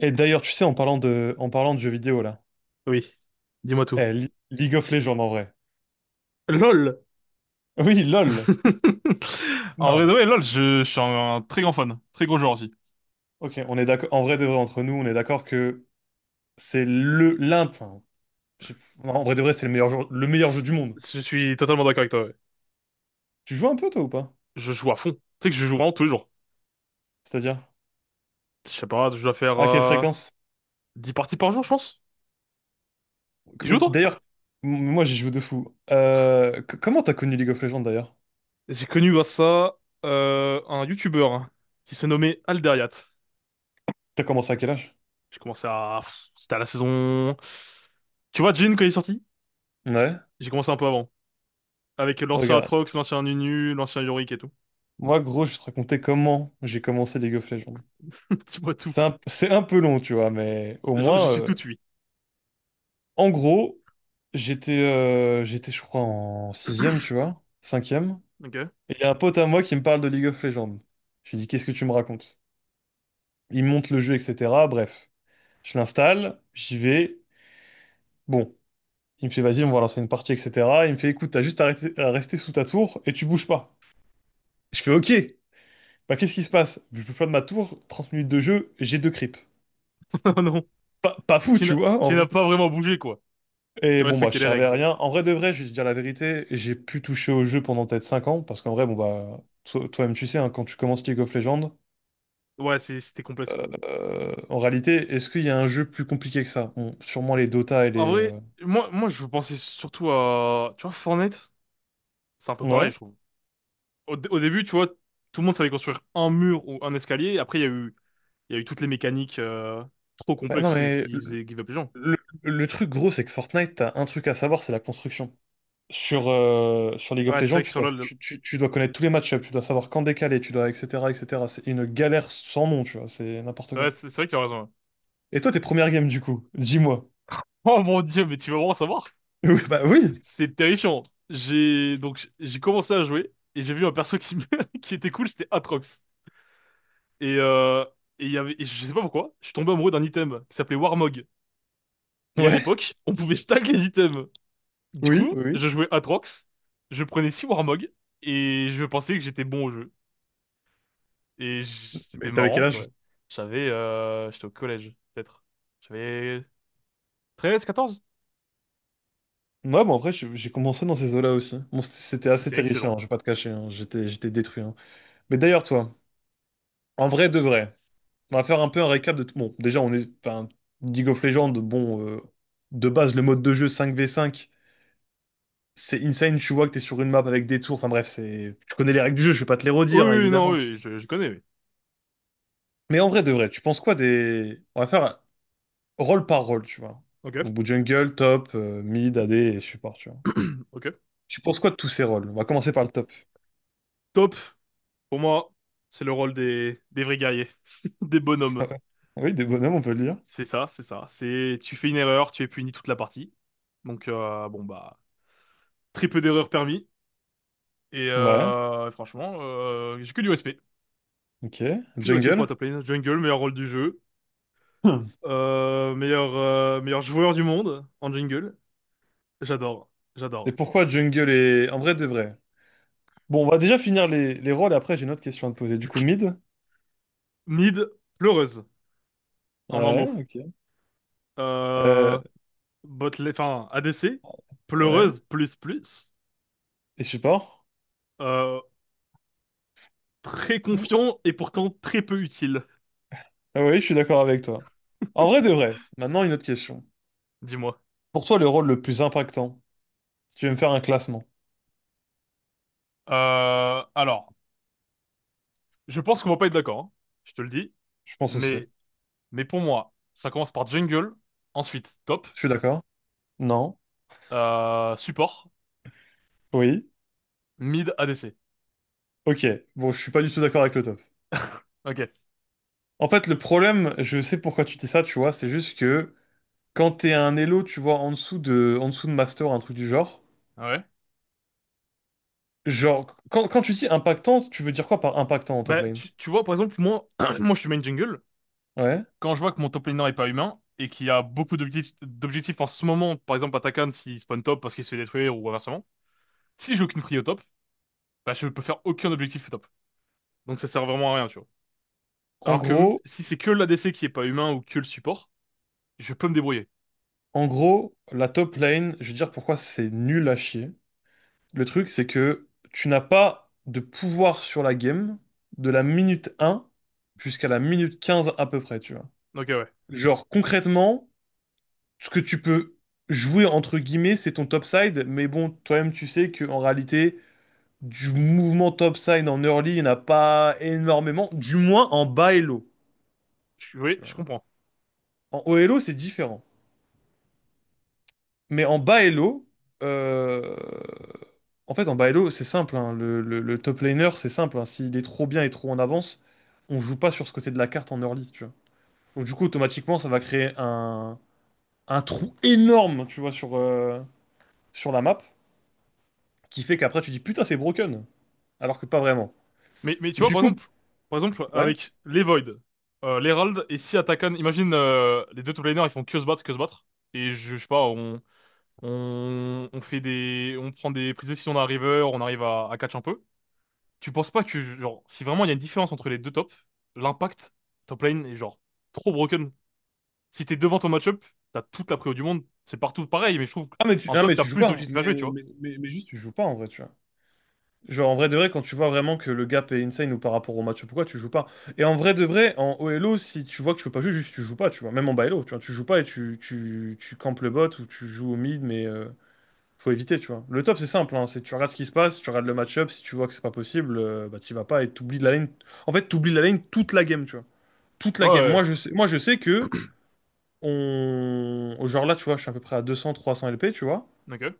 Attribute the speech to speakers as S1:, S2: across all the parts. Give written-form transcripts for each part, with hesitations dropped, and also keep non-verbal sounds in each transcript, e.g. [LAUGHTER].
S1: Et d'ailleurs, tu sais, en parlant de jeux vidéo, là,
S2: Oui, dis-moi tout.
S1: League of Legends en vrai.
S2: LOL! [LAUGHS]
S1: Oui, LOL.
S2: En vrai, de
S1: Non.
S2: vrai, LOL, je suis un très grand fan, très gros joueur aussi.
S1: Ok, on est d'accord. En vrai de vrai, entre nous, on est d'accord que c'est le l'un. Enfin, je- en vrai de vrai, c'est le meilleur jeu du monde.
S2: Je suis totalement d'accord avec toi. Ouais.
S1: Tu joues un peu toi ou pas?
S2: Je joue à fond. Tu sais que je joue vraiment tous les jours.
S1: C'est-à-dire?
S2: Je sais pas, je dois faire
S1: À quelle fréquence?
S2: 10 parties par jour, je pense. Tu
S1: Mais
S2: joues toi?
S1: d'ailleurs, moi j'y joue de fou. Comment t'as connu League of Legends d'ailleurs?
S2: J'ai connu grâce à ça, un YouTuber, hein, qui s'est nommé Alderiat.
S1: T'as commencé à quel âge?
S2: J'ai commencé à... pff, C'était à la saison. Tu vois, Jin, quand il est sorti?
S1: Ouais.
S2: J'ai commencé un peu avant. Avec l'ancien
S1: Regarde,
S2: Atrox, l'ancien Nunu, l'ancien Yorick et tout.
S1: moi gros, je vais te raconter comment j'ai commencé League of Legends.
S2: [LAUGHS] Dis-moi tout.
S1: C'est un peu long, tu vois, mais au
S2: Je
S1: moins,
S2: suis tout tué.
S1: en gros, j'étais, je crois, en
S2: [COUGHS]
S1: sixième, tu vois, cinquième.
S2: Ok.
S1: Et il y a un pote à moi qui me parle de League of Legends. Je lui dis, qu'est-ce que tu me racontes? Il me monte le jeu, etc. Bref, je l'installe, j'y vais. Bon, il me fait, vas-y, on va lancer une partie, etc. Il me fait, écoute, t'as juste à, à rester sous ta tour et tu bouges pas. Je fais, ok. Bah, qu'est-ce qui se passe? Je bouge pas de ma tour, 30 minutes de jeu, j'ai deux creeps.
S2: [LAUGHS] Oh non,
S1: Pas, pas fou,
S2: tu
S1: tu
S2: n'as
S1: vois,
S2: tu
S1: en
S2: n'as
S1: vrai.
S2: pas vraiment bougé, quoi. Tu
S1: Et bon, bah,
S2: respectais
S1: je
S2: les
S1: servais à
S2: règles.
S1: rien. En vrai de vrai, je vais te dire la vérité, j'ai pu toucher au jeu pendant peut-être 5 ans, parce qu'en vrai, bon, bah, toi-même, tu sais, hein, quand tu commences League of Legends,
S2: Ouais, c'était complexe, quoi.
S1: en réalité, est-ce qu'il y a un jeu plus compliqué que ça? Bon, sûrement les Dota et
S2: En
S1: les.
S2: vrai, moi, je pensais surtout à, tu vois, Fortnite, c'est un peu pareil,
S1: Ouais.
S2: je trouve. Au début, tu vois, tout le monde savait construire un mur ou un escalier. Après, il y a eu toutes les mécaniques trop
S1: Bah, non,
S2: complexes et
S1: mais
S2: qui faisaient give up les gens.
S1: le- le truc gros, c'est que Fortnite, t'as un truc à savoir, c'est la construction. Sur League of
S2: Ouais, c'est vrai
S1: Legends,
S2: que
S1: tu
S2: sur
S1: dois,
S2: LoL.
S1: tu dois connaître tous les match tu dois savoir quand décaler, tu dois, etc., etc. C'est une galère sans nom, tu vois, c'est n'importe
S2: Ouais,
S1: quoi.
S2: c'est vrai que tu as raison. Ouais.
S1: Et toi, tes premières games, du coup, dis-moi.
S2: Oh mon Dieu, mais tu vas vraiment savoir.
S1: [LAUGHS] Oui, bah oui.
S2: C'est terrifiant. J'ai donc j'ai commencé à jouer et j'ai vu un perso qui, [LAUGHS] qui était cool, c'était Atrox. Et, euh, et je sais pas pourquoi, je suis tombé amoureux d'un item qui s'appelait Warmog. Et à
S1: Ouais,
S2: l'époque, on pouvait stack les items. Du
S1: oui,
S2: coup,
S1: oui, oui.
S2: je jouais Atrox, je prenais 6 Warmog, et je pensais que j'étais bon au jeu. Et c'était
S1: Mais t'avais quel
S2: marrant,
S1: âge?
S2: quoi. J'étais au collège, peut-être. J'avais 13, 14.
S1: Ouais, bon, après, j'ai commencé dans ces eaux-là aussi. Bon, c'était
S2: Et
S1: c'était assez
S2: c'était excellent.
S1: terrifiant, hein, je vais pas te cacher, hein. J'étais détruit, hein. Mais d'ailleurs, toi, en vrai de vrai, on va faire un peu un récap de tout. Bon, déjà, on est. Enfin, League of Legends, bon, de base, le mode de jeu 5v5, c'est insane. Tu vois que t'es sur une map avec des tours. Enfin, bref, c'est. Tu connais les règles du jeu, je vais pas te les
S2: Oui,
S1: redire, hein,
S2: oui, oui, non,
S1: évidemment. Tu
S2: oui, je connais, oui.
S1: Mais en vrai de vrai, tu penses quoi des. On va faire rôle par rôle, tu vois.
S2: Ok.
S1: Donc, jungle, top, mid, AD et support, tu vois.
S2: [CLEARS THROAT] Ok.
S1: Tu penses quoi de tous ces rôles? On va commencer par le top.
S2: Top, pour moi, c'est le rôle des vrais guerriers, [LAUGHS] des bonhommes.
S1: [LAUGHS] Oui, des bonhommes, on peut le dire.
S2: C'est ça, c'est ça. C'est, tu fais une erreur, tu es puni toute la partie. Donc, bon bah, très peu d'erreurs permis. Et,
S1: Ouais,
S2: franchement, j'ai
S1: ok.
S2: que du respect pour la
S1: Jungle. [CLEARS THROAT]
S2: top lane. Jungle, meilleur rôle du jeu.
S1: Hmm.
S2: Meilleur joueur du monde en jungle. J'adore,
S1: Et
S2: j'adore.
S1: pourquoi jungle est... En vrai, de vrai. Bon, on va déjà finir les rôles, après j'ai une autre question à te poser. Du coup, mid.
S2: Mid, pleureuse en un
S1: Ouais,
S2: mot.
S1: ok. Euh,
S2: Euh, enfin, ADC,
S1: ouais.
S2: pleureuse plus plus.
S1: Et support?
S2: Euh, Très
S1: Ouh.
S2: confiant et pourtant très peu utile,
S1: Ah oui, je suis d'accord avec toi. En vrai, de vrai. Maintenant, une autre question.
S2: dis-moi.
S1: Pour toi, le rôle le plus impactant, si tu veux me faire un classement,
S2: Alors. Je pense qu'on va pas être d'accord, hein, je te le dis.
S1: je pense aussi.
S2: Mais, mais pour moi, ça commence par jungle, ensuite top,
S1: Je suis d'accord? Non?
S2: support,
S1: Oui?
S2: mid, ADC.
S1: Ok. Bon, je suis pas du tout d'accord avec le top.
S2: Ok.
S1: En fait, le problème, je sais pourquoi tu dis ça, tu vois, c'est juste que quand t'es un elo, tu vois, en dessous de master, un truc du genre,
S2: Ouais.
S1: genre, quand tu dis impactant, tu veux dire quoi par impactant en top
S2: Bah,
S1: lane?
S2: tu vois, par exemple, moi, [CLEARS THROAT] moi, je suis main jungle.
S1: Ouais.
S2: Quand je vois que mon top laner est pas humain et qu'il y a beaucoup d'objectifs en ce moment, par exemple, Atakan s'il spawn top parce qu'il se fait détruire ou inversement, si j'ai aucune prio au top, bah, je peux faire aucun objectif au top. Donc ça sert vraiment à rien, tu vois.
S1: En
S2: Alors que
S1: gros,
S2: si c'est que l'ADC qui est pas humain ou que le support, je peux me débrouiller.
S1: en gros, la top lane, je vais dire pourquoi c'est nul à chier. Le truc, c'est que tu n'as pas de pouvoir sur la game de la minute un jusqu'à la minute 15 à peu près, tu vois.
S2: Ok, ouais.
S1: Genre, concrètement, ce que tu peux jouer entre guillemets, c'est ton topside, mais bon, toi-même tu sais qu'en réalité, du mouvement topside en early, il n'y en a pas énormément, du moins en bas elo,
S2: Oui,
S1: tu
S2: je
S1: vois.
S2: comprends.
S1: En haut elo, c'est différent. Mais en bas elo, euh, en fait, en bas elo, c'est simple, hein, le top laner, c'est simple, hein, s'il est trop bien et trop en avance, on joue pas sur ce côté de la carte en early, tu vois. Donc du coup, automatiquement, ça va créer un trou énorme, tu vois, sur la map, qui fait qu'après tu dis putain, c'est broken. Alors que pas vraiment.
S2: Mais tu
S1: Mais
S2: vois,
S1: du
S2: par
S1: coup,
S2: exemple, par exemple,
S1: ouais.
S2: avec les Void, l'Herald et si Attackon, imagine les deux top laners, ils font que se battre, que se battre. Et je sais pas, on prend des prises de décision d'un river, on arrive à catch un peu. Tu penses pas que, genre, si vraiment il y a une différence entre les deux tops, l'impact top lane est genre trop broken? Si t'es devant ton match-up, t'as toute la préo du monde, c'est partout pareil, mais je trouve
S1: Ah, mais tu,
S2: qu'en
S1: ah,
S2: top,
S1: mais
S2: t'as
S1: tu joues
S2: plus
S1: pas, hein.
S2: d'objectifs à jouer, tu
S1: Mais,
S2: vois.
S1: mais, mais, mais juste, tu joues pas en vrai, tu vois. Genre, en vrai de vrai, quand tu vois vraiment que le gap est insane ou par rapport au match, pourquoi tu joues pas? Et en vrai de vrai, en OLO, si tu vois que tu peux pas jouer, juste tu joues pas, tu vois. Même en ByLo, tu vois, tu joues pas et tu campes le bot ou tu joues au mid, mais faut éviter, tu vois. Le top, c'est simple, hein, c'est tu regardes ce qui se passe, tu regardes le match-up, si tu vois que c'est pas possible, bah t'y vas pas et t'oublies de la lane. En fait, t'oublies de la lane toute la game, tu vois. Toute la game.
S2: Ouais,
S1: Moi, je sais que. On... Genre là, tu vois, je suis à peu près à 200-300 LP, tu vois.
S2: ouais, ok.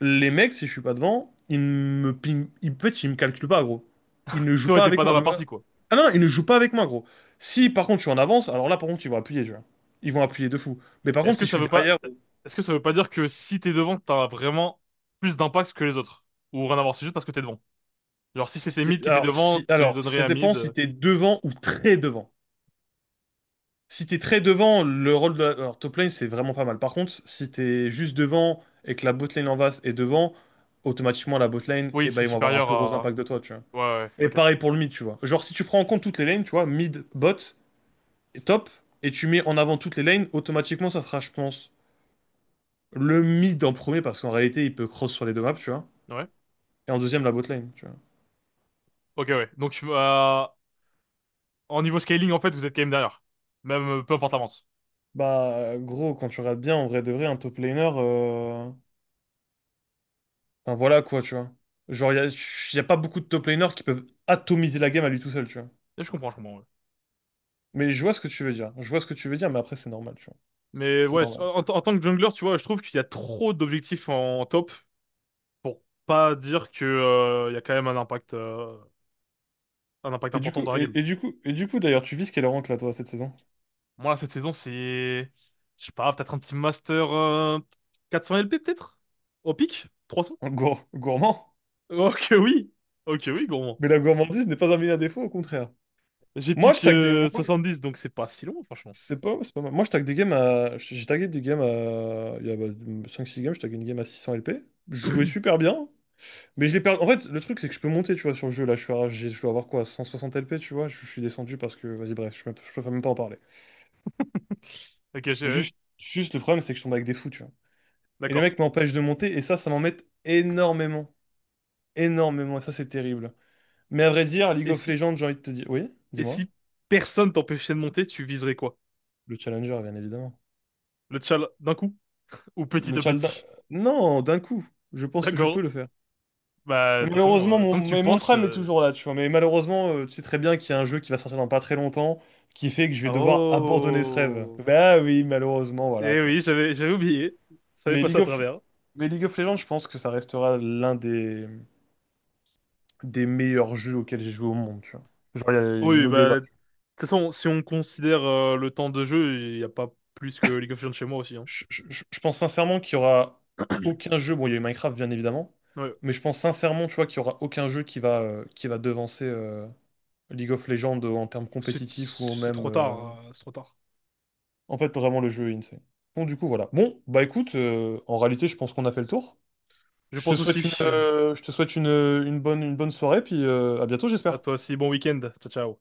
S1: Les mecs, si je suis pas devant, ils me ping... Ils... En fait, ils me calculent pas, gros. Ils ne jouent
S2: Toi,
S1: pas
S2: t'es
S1: avec
S2: pas dans
S1: moi.
S2: la partie, quoi.
S1: Ah non, ils ne jouent pas avec moi, gros. Si, par contre, je suis en avance, alors là, par contre, ils vont appuyer, tu vois. Ils vont appuyer de fou. Mais par
S2: Et
S1: contre, si je suis derrière...
S2: est-ce que ça veut pas dire que si t'es devant, t'as vraiment plus d'impact que les autres? Ou rien à voir, c'est juste parce que t'es devant. Genre, si
S1: si
S2: c'était
S1: t'es-
S2: mid qui était
S1: Alors,
S2: devant,
S1: si...
S2: tu
S1: alors,
S2: donnerais
S1: ça
S2: à
S1: dépend
S2: mid.
S1: si t'es devant ou très devant. Si t'es très devant, le rôle de la... alors, top lane, c'est vraiment pas mal. Par contre, si t'es juste devant et que la bot lane en face est devant, automatiquement, la bot lane,
S2: Oui,
S1: eh ben,
S2: c'est
S1: ils vont avoir un
S2: supérieur
S1: plus gros
S2: à.
S1: impact de toi, tu vois.
S2: Ouais, ouais, ouais,
S1: Et
S2: ok.
S1: pareil pour le mid, tu vois. Genre, si tu prends en compte toutes les lanes, tu vois, mid, bot, et top, et tu mets en avant toutes les lanes, automatiquement, ça sera, je pense, le mid en premier, parce qu'en réalité, il peut cross sur les deux maps, tu vois.
S2: Ouais.
S1: Et en deuxième, la bot lane, tu vois.
S2: Ok, ouais. Donc, en niveau scaling, en fait, vous êtes quand même derrière. Même, peu importe l'avance.
S1: Bah, gros, quand tu regardes bien, en vrai de vrai, un top laner, enfin, voilà quoi, tu vois. Genre, y a pas beaucoup de top laners qui peuvent atomiser la game à lui tout seul, tu vois.
S2: Et je comprends, ouais.
S1: Mais je vois ce que tu veux dire. Je vois ce que tu veux dire, mais après, c'est normal, tu vois.
S2: Mais
S1: C'est
S2: ouais,
S1: normal.
S2: en tant que jungler, tu vois, je trouve qu'il y a trop d'objectifs en top pour pas dire que, il y a quand même un impact important dans la game.
S1: Et du coup, d'ailleurs, tu vis quel rank là, toi, cette saison?
S2: Moi, cette saison, c'est, je sais pas, peut-être un petit master, 400 LP, peut-être? Au pic? 300?
S1: Gourmand?
S2: Oh que oui! Oh que oui, gourmand.
S1: Mais la gourmandise n'est pas un meilleur défaut, au contraire.
S2: J'ai
S1: Moi, je
S2: pic
S1: tag des... Moi,
S2: 70, donc c'est pas si long, franchement.
S1: c'est pas mal. Moi, je tag des games à... J'ai tagué des games à... Il y a bah, cinq six games, je tagué une game à 600 LP. Je jouais
S2: [COUGHS]
S1: super bien, mais je l'ai perdu... En fait, le truc, c'est que je peux monter, tu vois, sur le jeu. Là, je suis à- j'ai- je dois avoir quoi, 160 LP, tu vois? Je suis descendu parce que... Vas-y, bref, je préfère même pas en parler.
S2: Ok,
S1: Juste le problème, c'est que je tombe avec des fous, tu vois. Et les
S2: d'accord.
S1: mecs m'empêchent de monter, et ça m'embête énormément. Énormément, et ça, c'est terrible. Mais à vrai dire, League
S2: Et
S1: of
S2: si...
S1: Legends, j'ai envie de te dire... Oui,
S2: Et
S1: dis-moi.
S2: si personne t'empêchait de monter, tu viserais quoi?
S1: Le challenger, bien évidemment.
S2: Le tchal d'un coup? Ou petit
S1: Le
S2: à
S1: Chalda...
S2: petit?
S1: Non, d'un coup. Je
S2: [LAUGHS]
S1: pense que je
S2: D'accord.
S1: peux le faire.
S2: Bah, de
S1: Mais
S2: toute façon,
S1: malheureusement, mon,
S2: tant que tu
S1: mais mon
S2: penses...
S1: Prime est
S2: euh,
S1: toujours là, tu vois. Mais malheureusement, tu sais très bien qu'il y a un jeu qui va sortir dans pas très longtemps, qui fait que je vais devoir abandonner ce rêve.
S2: Oh!
S1: Bah oui, malheureusement, voilà,
S2: Eh
S1: quoi.
S2: oui, j'avais oublié. Ça m'est
S1: Mais
S2: passé
S1: League
S2: à
S1: of,
S2: travers.
S1: mais League of Legends, je pense que ça restera l'un des meilleurs jeux auxquels j'ai joué au monde, tu vois. Genre, il y a
S2: Oui,
S1: nos débats.
S2: bah, de toute façon, si on considère, le temps de jeu, il n'y a pas plus que League of Legends chez moi aussi. Hein.
S1: Je pense sincèrement qu'il y aura aucun jeu... Bon, il y a eu Minecraft, bien évidemment.
S2: Ouais,
S1: Mais je pense sincèrement, tu vois, qu'il y aura aucun jeu qui va devancer... League of Legends en termes
S2: c'est
S1: compétitifs ou
S2: c'est
S1: même.
S2: trop tard, c'est trop tard.
S1: En fait, vraiment, le jeu est insane. Bon, du coup, voilà. Bon, bah écoute, en réalité, je pense qu'on a fait le tour.
S2: Je
S1: Je te
S2: pense
S1: souhaite une,
S2: aussi.
S1: je te souhaite une bonne soirée, puis à bientôt,
S2: À
S1: j'espère.
S2: toi aussi, bon week-end. Ciao, ciao.